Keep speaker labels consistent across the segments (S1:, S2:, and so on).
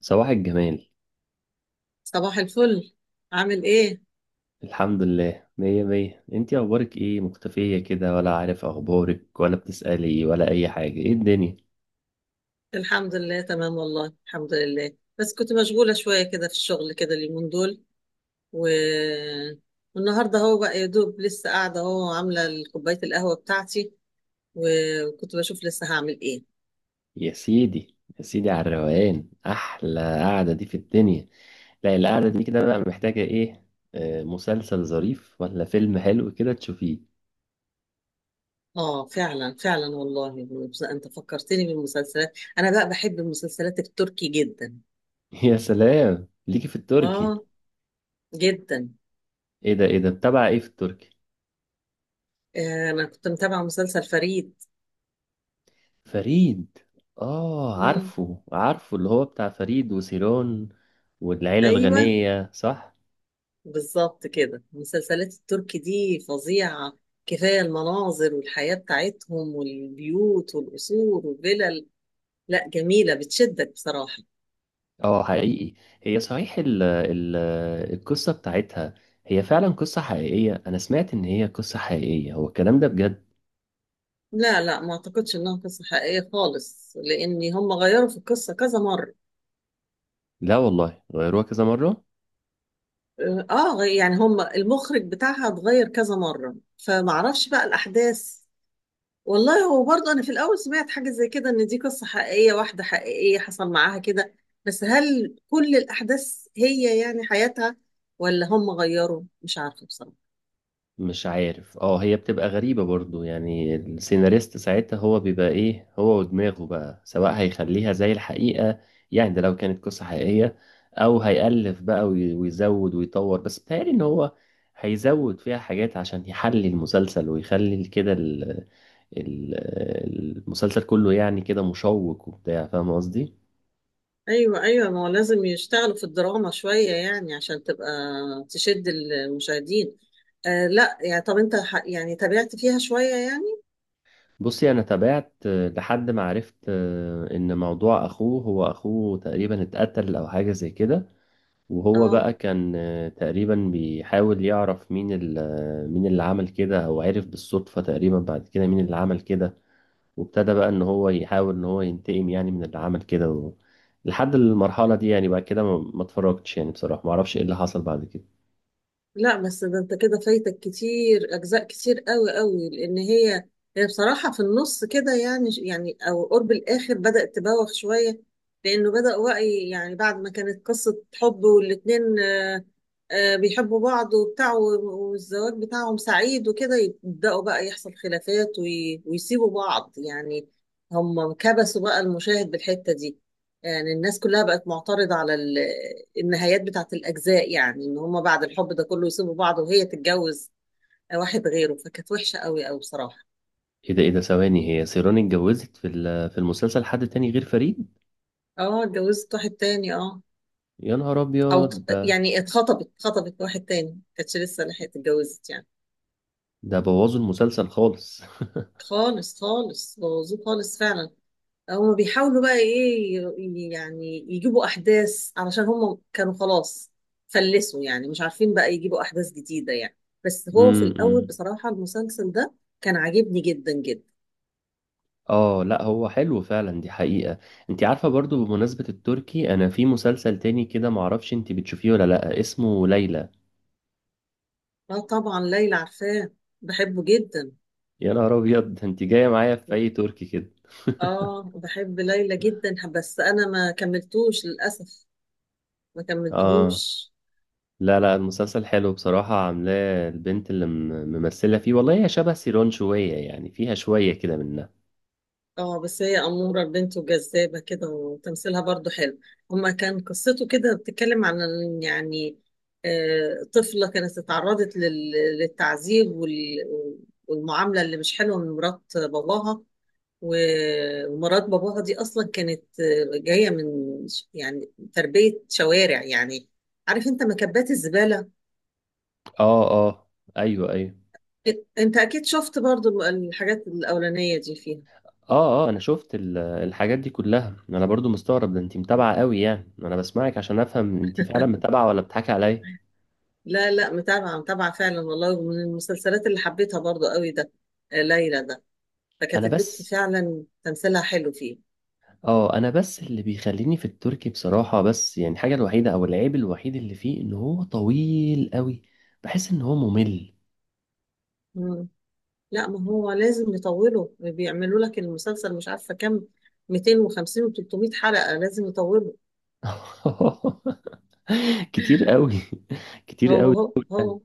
S1: صباح الجمال.
S2: صباح الفل. عامل ايه؟
S1: الحمد لله مية مية. انتي اخبارك ايه؟ مختفية كده ولا؟ عارف اخبارك ولا بتسألي ولا اي حاجة؟ ايه الدنيا؟
S2: الحمد لله تمام، والله الحمد لله، بس كنت مشغولة شوية كده في الشغل كده اليومين دول. و... والنهاردة هو بقى يا دوب لسه قاعدة اهو، عاملة كوباية القهوة بتاعتي و- وكنت بشوف لسه هعمل ايه.
S1: يا سيدي يا سيدي على الروقان، احلى قعدة دي في الدنيا. لا، القعدة دي كده بقى محتاجة ايه؟ آه، مسلسل ظريف ولا فيلم حلو كده تشوفيه.
S2: اه فعلا والله، بس انت فكرتني بالمسلسلات، انا بقى بحب المسلسلات التركي جدا.
S1: يا سلام ليكي في التركي!
S2: اه، جدا.
S1: ايه ده ايه ده؟ بتابعة ايه في التركي؟
S2: آه، انا كنت متابعة مسلسل فريد.
S1: فريد. اه
S2: مم.
S1: عارفه عارفه، اللي هو بتاع فريد وسيران. والعيلة
S2: ايوه
S1: الغنية صح.
S2: بالظبط كده، المسلسلات التركي دي فظيعة، كفاية المناظر والحياة بتاعتهم والبيوت والقصور والفلل. لا جميلة، بتشدك بصراحة.
S1: اه حقيقي. هي صحيح ال ال القصة بتاعتها، هي فعلا قصة حقيقية؟ أنا سمعت إن هي قصة حقيقية، هو الكلام ده بجد؟
S2: لا، ما اعتقدش انها قصة حقيقية خالص، لان هم غيروا في القصة كذا مرة.
S1: لا والله غيروها كذا مرة.
S2: اه، يعني هم المخرج بتاعها اتغير كذا مرة فمعرفش بقى الاحداث. والله هو برضه انا في الاول سمعت حاجه زي كده ان دي قصه حقيقيه، واحده حقيقيه حصل معاها كده، بس هل كل الاحداث هي يعني حياتها ولا هم غيروا؟ مش عارفه بصراحه.
S1: مش عارف. اه هي بتبقى غريبة برضو، يعني السيناريست ساعتها هو بيبقى إيه هو ودماغه بقى، سواء هيخليها زي الحقيقة، يعني ده لو كانت قصة حقيقية، أو هيألف بقى ويزود ويطور. بس بتهيألي إن هو هيزود فيها حاجات عشان يحلي المسلسل ويخلي كده ال- المسلسل كله يعني كده مشوق وبتاع، فاهم قصدي؟
S2: ايوه، ما هو لازم يشتغلوا في الدراما شويه يعني عشان تبقى تشد المشاهدين. آه لا، يعني طب انت يعني تابعت فيها شويه يعني؟
S1: بصي انا تابعت لحد ما عرفت ان موضوع اخوه، هو اخوه تقريبا اتقتل او حاجة زي كده، وهو
S2: اه.
S1: بقى كان تقريبا بيحاول يعرف مين مين اللي عمل كده. هو عرف بالصدفة تقريبا بعد كده مين اللي عمل كده، وابتدى بقى ان هو يحاول ان هو ينتقم يعني من اللي عمل كده لحد المرحلة دي يعني. بعد كده ما اتفرجتش يعني بصراحة، ما اعرفش ايه اللي حصل بعد كده.
S2: لا بس ده انت كده فايتك كتير، اجزاء كتير قوي قوي، لان هي بصراحه في النص كده يعني، يعني او قرب الاخر بدات تبوخ شويه. لانه بدا وعي يعني، بعد ما كانت قصه حب والاتنين بيحبوا بعض وبتاع و- والزواج بتاعهم سعيد وكده، يبداوا بقى يحصل خلافات وي- ويسيبوا بعض يعني. هم كبسوا بقى المشاهد بالحته دي، يعني الناس كلها بقت معترضة على النهايات بتاعت الأجزاء، يعني إن هما بعد الحب ده كله يسيبوا بعض وهي تتجوز واحد غيره، فكانت وحشة قوي قوي بصراحة.
S1: ايه ده ايه ده؟ ثواني، هي سيران اتجوزت في المسلسل حد تاني غير فريد؟
S2: اه اتجوزت واحد تاني، اه.
S1: يا نهار
S2: أو
S1: ابيض ده!
S2: يعني اتخطبت واحد تاني، كانتش لسه لحقت اتجوزت يعني.
S1: ده بوظوا المسلسل خالص.
S2: خالص خالص، بوظوه خالص فعلا. هم بيحاولوا بقى ايه، يعني يجيبوا احداث علشان هم كانوا خلاص فلسوا يعني، مش عارفين بقى يجيبوا احداث جديدة يعني. بس هو في الاول
S1: امم.
S2: بصراحة المسلسل ده كان عاجبني جدا جدا.
S1: اه لا هو حلو فعلا، دي حقيقة. انت عارفة برضو بمناسبة التركي، انا في مسلسل تاني كده، معرفش انت بتشوفيه ولا لا، اسمه ليلى.
S2: اه طبعا ليلى عارفاه، بحبه جدا.
S1: يا نهار ابيض ده، انت جاية معايا في اي تركي كده!
S2: اه بحب ليلى جدا، بس انا ما كملتوش للاسف، ما
S1: اه
S2: كملتهوش.
S1: لا لا، المسلسل حلو بصراحة، عاملاه البنت اللي ممثلة فيه، والله هي شبه سيران شوية يعني، فيها شوية كده منها.
S2: اه بس هي أمورة البنت وجذابة كده، وتمثيلها برضو حلو. هما كان قصته كده بتتكلم عن يعني آه، طفلة كانت اتعرضت للتعذيب وال- والمعاملة اللي مش حلوة من مرات باباها. و- ومرات باباها دي أصلا كانت آه، جاية من يعني تربية شوارع يعني، عارف انت مكبات الزبالة؟
S1: اه اه. ايوه ايوه.
S2: انت اكيد شفت برضو الحاجات الأولانية دي فيها.
S1: اه اه، انا شفت الحاجات دي كلها. انا برضو مستغرب، ده انت متابعه قوي يعني، انا بسمعك عشان افهم انت فعلا متابعه ولا بتضحكي عليا.
S2: لا، متابعة فعلا والله، ومن المسلسلات اللي حبيتها برضو قوي ده، آه، ليلى ده. فكانت
S1: انا
S2: البت
S1: بس،
S2: فعلا تمثيلها حلو فيه.
S1: اه انا بس اللي بيخليني في التركي بصراحه، بس يعني الحاجه الوحيده او العيب الوحيد اللي فيه ان هو طويل قوي، بحس ان هو ممل.
S2: مم. لا ما هو لازم يطولوا، بيعملوا لك المسلسل مش عارفة كام، 250 و 300 حلقة، لازم يطولوا.
S1: كتير قوي. كتير
S2: هو
S1: قوي
S2: هو
S1: يعني.
S2: هو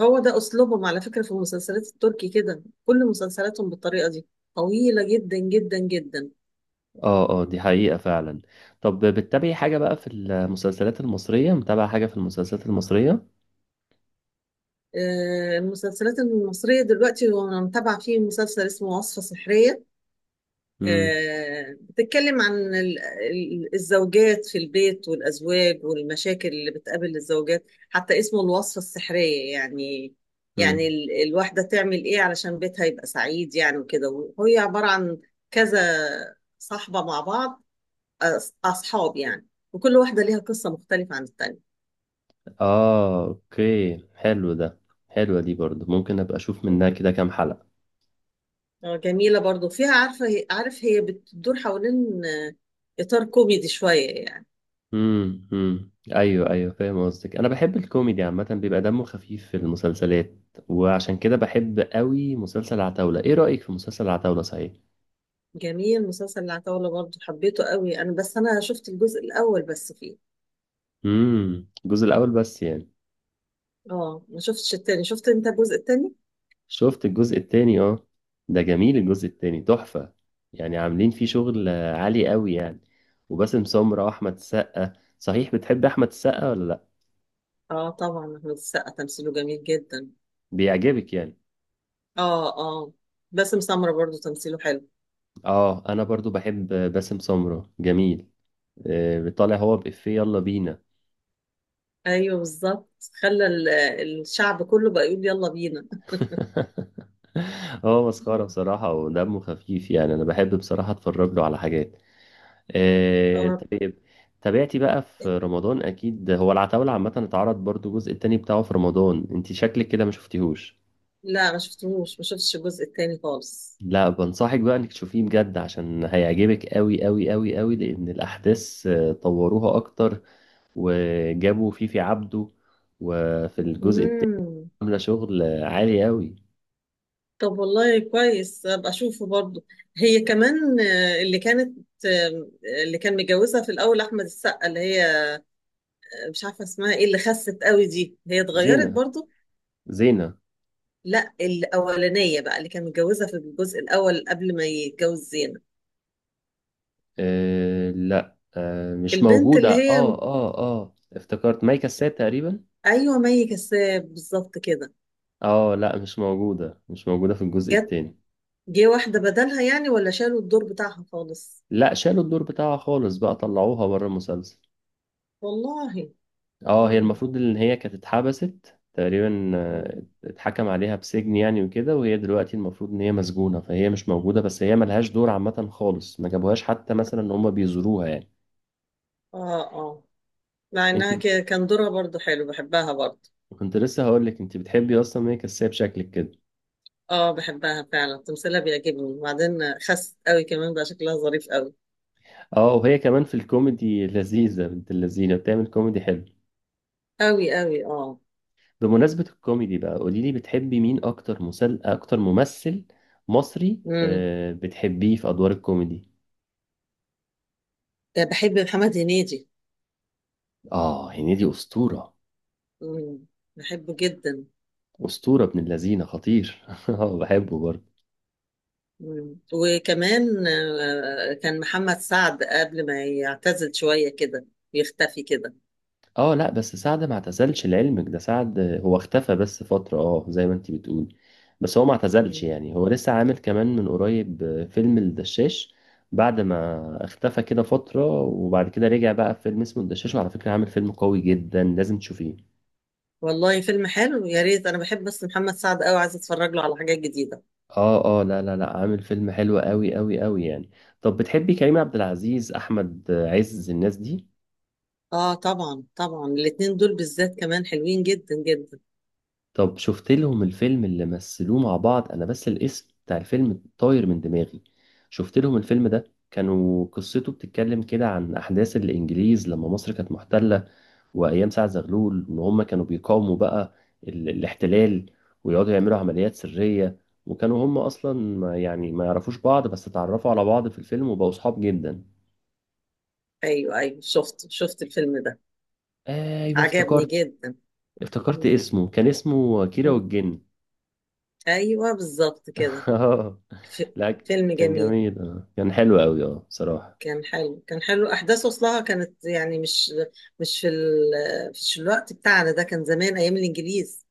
S2: هو ده أسلوبهم على فكرة، في المسلسلات التركي كده كل مسلسلاتهم بالطريقة دي، طويلة جدا جدا جدا.
S1: اه اه، دي حقيقة فعلا. طب بتتابعي حاجة بقى في المسلسلات المصرية؟ متابعة حاجة في المسلسلات المصرية؟
S2: آه، المسلسلات المصرية دلوقتي وأنا متابعة فيه مسلسل اسمه وصفة سحرية.
S1: امم
S2: آه، بتتكلم عن الزوجات في البيت والأزواج، والمشاكل اللي بتقابل الزوجات، حتى اسمه الوصفة السحرية يعني. يعني
S1: امم.
S2: الواحدة تعمل إيه علشان بيتها يبقى سعيد يعني وكده، وهي عبارة عن كذا صاحبة مع بعض، أصحاب يعني، وكل واحدة ليها قصة مختلفة عن التانية.
S1: اه اوكي، حلو ده. حلوة دي برضو، ممكن ابقى اشوف
S2: مم.
S1: منها كده كام حلقة.
S2: آه، جميلة برضو فيها، عارفة، عارف هي بتدور حوالين إطار كوميدي شوية يعني.
S1: امم، ايوه ايوه فاهم قصدك. انا بحب الكوميدي عامة، بيبقى دمه خفيف في المسلسلات، وعشان كده بحب قوي مسلسل عتاولة. ايه رأيك في مسلسل عتاولة صحيح؟
S2: جميل مسلسل العتاولة برضه، حبيته قوي انا، بس انا شفت الجزء الاول بس فيه.
S1: امم، الجزء الاول بس يعني؟
S2: اه ما شفتش التاني، شفت انت الجزء التاني؟
S1: شفت الجزء التاني اه. ده جميل الجزء التاني، تحفة يعني. عاملين فيه شغل عالي قوي يعني، وباسم سمرة واحمد السقا. صحيح بتحب احمد السقا ولا لا؟
S2: اه طبعا احمد السقا تمثيله جميل جدا.
S1: بيعجبك يعني؟
S2: اه، اه. باسم سمرة برضه تمثيله حلو.
S1: اه انا برضو بحب باسم سمرة، جميل. طالع هو بإفيه، يلا بينا.
S2: ايوه بالظبط، خلى الشعب كله بقى يقول يلا بينا.
S1: هو مسخرة بصراحة ودمه خفيف يعني، انا بحب بصراحة اتفرج له على حاجات.
S2: اه.
S1: طيب، تابعتي بقى في رمضان؟ اكيد هو العتاولة عامة اتعرض برضو الجزء التاني بتاعه في رمضان، انت شكلك كده ما شفتيهوش.
S2: لا ما شفتهوش، ما شفتش الجزء التاني خالص.
S1: لا بنصحك بقى انك تشوفيه بجد، عشان هيعجبك قوي قوي قوي قوي، لان الاحداث طوروها اكتر. وجابوا فيفي عبده، وفي الجزء
S2: امم.
S1: عاملة شغل عالي أوي.
S2: طب والله كويس ابقى اشوفه برضه. هي كمان آه، اللي كانت آه، اللي كان متجوزها في الاول احمد السقا، اللي هي مش عارفه اسمها ايه، اللي خست قوي دي، هي اتغيرت
S1: زينة.
S2: برضو؟
S1: زينة.
S2: لا الاولانيه بقى، اللي كان متجوزها في الجزء الاول قبل ما يتجوز زينب.
S1: آه لا آه مش
S2: البنت
S1: موجودة،
S2: اللي هي،
S1: اه اه اه افتكرت مايكا سات تقريبا.
S2: ايوه مي كساب بالظبط كده.
S1: اه لا مش موجودة، مش موجودة في الجزء
S2: جت،
S1: التاني.
S2: جه واحده بدلها يعني ولا شالوا الدور بتاعها خالص؟
S1: لا، شالوا الدور بتاعها خالص بقى، طلعوها بره المسلسل.
S2: والله.
S1: اه هي
S2: مم.
S1: المفروض ان هي كانت اتحبست تقريبا،
S2: مم.
S1: اتحكم عليها بسجن يعني وكده، وهي دلوقتي المفروض ان هي مسجونة، فهي مش موجودة. بس هي ملهاش دور عامة خالص، ما جابوهاش حتى مثلا ان هما بيزوروها يعني.
S2: اه، اه. مع انها
S1: انت
S2: كان دورها برضو حلو، بحبها برضو.
S1: كنت لسه هقول لك، انت بتحبي اصلا هي كساب شكلك كده.
S2: اه بحبها فعلا، تمثيلها بيعجبني، وبعدين خست قوي كمان بقى شكلها ظريف قوي.
S1: اه، وهي كمان في الكوميدي لذيذه، بنت اللذينه، بتعمل كوميدي حلو.
S2: قوي قوي، اه.
S1: بمناسبه الكوميدي بقى، قولي لي بتحبي مين اكتر اكتر ممثل مصري
S2: امم.
S1: آه بتحبيه في ادوار الكوميدي؟
S2: بحب محمد هنيدي.
S1: اه هنيدي اسطوره.
S2: مم. بحبه جدا.
S1: اسطوره ابن اللذينه خطير. اه بحبه برضه.
S2: مم. وكمان كان محمد سعد قبل ما يعتزل شوية كده ويختفي كده.
S1: اه لا بس سعد ما اعتزلش لعلمك، ده سعد هو اختفى بس فترة، اه زي ما انت بتقول. بس هو ما اعتزلش
S2: مم.
S1: يعني، هو لسه عامل كمان من قريب فيلم الدشاش. بعد ما اختفى كده فترة وبعد كده رجع بقى في فيلم اسمه الدشاش، وعلى فكرة عامل فيلم قوي جدا، لازم تشوفيه.
S2: والله فيلم حلو، يا ريت، انا بحب بس محمد سعد قوي، عايزه اتفرج له على حاجات جديدة.
S1: اه اه، لا لا لا، عامل فيلم حلو قوي قوي قوي يعني. طب بتحبي كريم عبد العزيز، احمد عز، الناس دي؟
S2: اه طبعا طبعا الاتنين دول بالذات كمان حلوين جدا جدا.
S1: طب شفت لهم الفيلم اللي مثلوه مع بعض؟ انا بس الاسم بتاع الفيلم طاير من دماغي. شفت لهم الفيلم ده؟ كانوا قصته بتتكلم كده عن احداث الانجليز لما مصر كانت محتلة، وايام سعد زغلول، وان هم كانوا بيقاوموا بقى الاحتلال، ويقعدوا يعملوا عمليات سرية. وكانوا هم اصلا ما يعني ما يعرفوش بعض، بس اتعرفوا على بعض في الفيلم وبقوا صحاب جدا.
S2: ايوه ايوه شفت، شفت الفيلم ده،
S1: ايوه
S2: عجبني
S1: افتكرت.
S2: جدا.
S1: افتكرت
S2: مم.
S1: اسمه، كان اسمه كيرة
S2: مم.
S1: والجن.
S2: ايوه بالظبط كده.
S1: اه
S2: ف-
S1: لا،
S2: فيلم
S1: كان
S2: جميل،
S1: جميل. اه كان حلو قوي اه بصراحة.
S2: كان حلو، كان حلو. احداث اصلها كانت يعني مش، مش في ال... مش الوقت بتاعنا ده، كان زمان ايام الانجليز.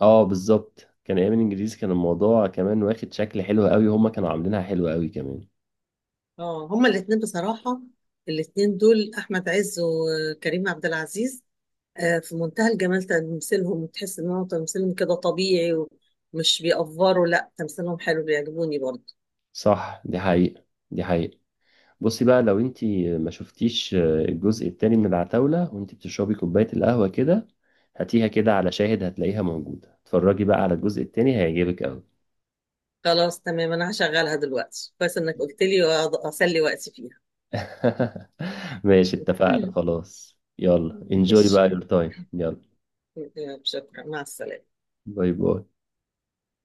S1: اه بالظبط، كان ايام الانجليزي، كان الموضوع كمان واخد شكل حلو قوي، هما كانوا عاملينها حلوة قوي كمان.
S2: اه هما الاثنين بصراحه، الاثنين دول احمد عز وكريم عبد العزيز آه، في منتهى الجمال تمثيلهم، تحس ان هو تمثيلهم كده طبيعي ومش بيأفوروا، لا تمثيلهم حلو، بيعجبوني برضه.
S1: صح دي حقيقة. دي حقيقة. بصي بقى لو انتي ما شفتيش الجزء التاني من العتاولة، وانتي بتشربي كوباية القهوة كده، هاتيها كده على شاهد، هتلاقيها موجودة. اتفرجي بقى على الجزء التاني، هيعجبك قوي.
S2: خلاص تمام، انا هشغلها دلوقتي، كويس انك قلت لي، وأقعد اسلي وقتي فيها.
S1: ماشي، اتفقنا خلاص، يلا انجوي
S2: ماشي.
S1: بقى يور تايم، يلا.
S2: يلا، شكرا، مع السلامه.
S1: باي باي.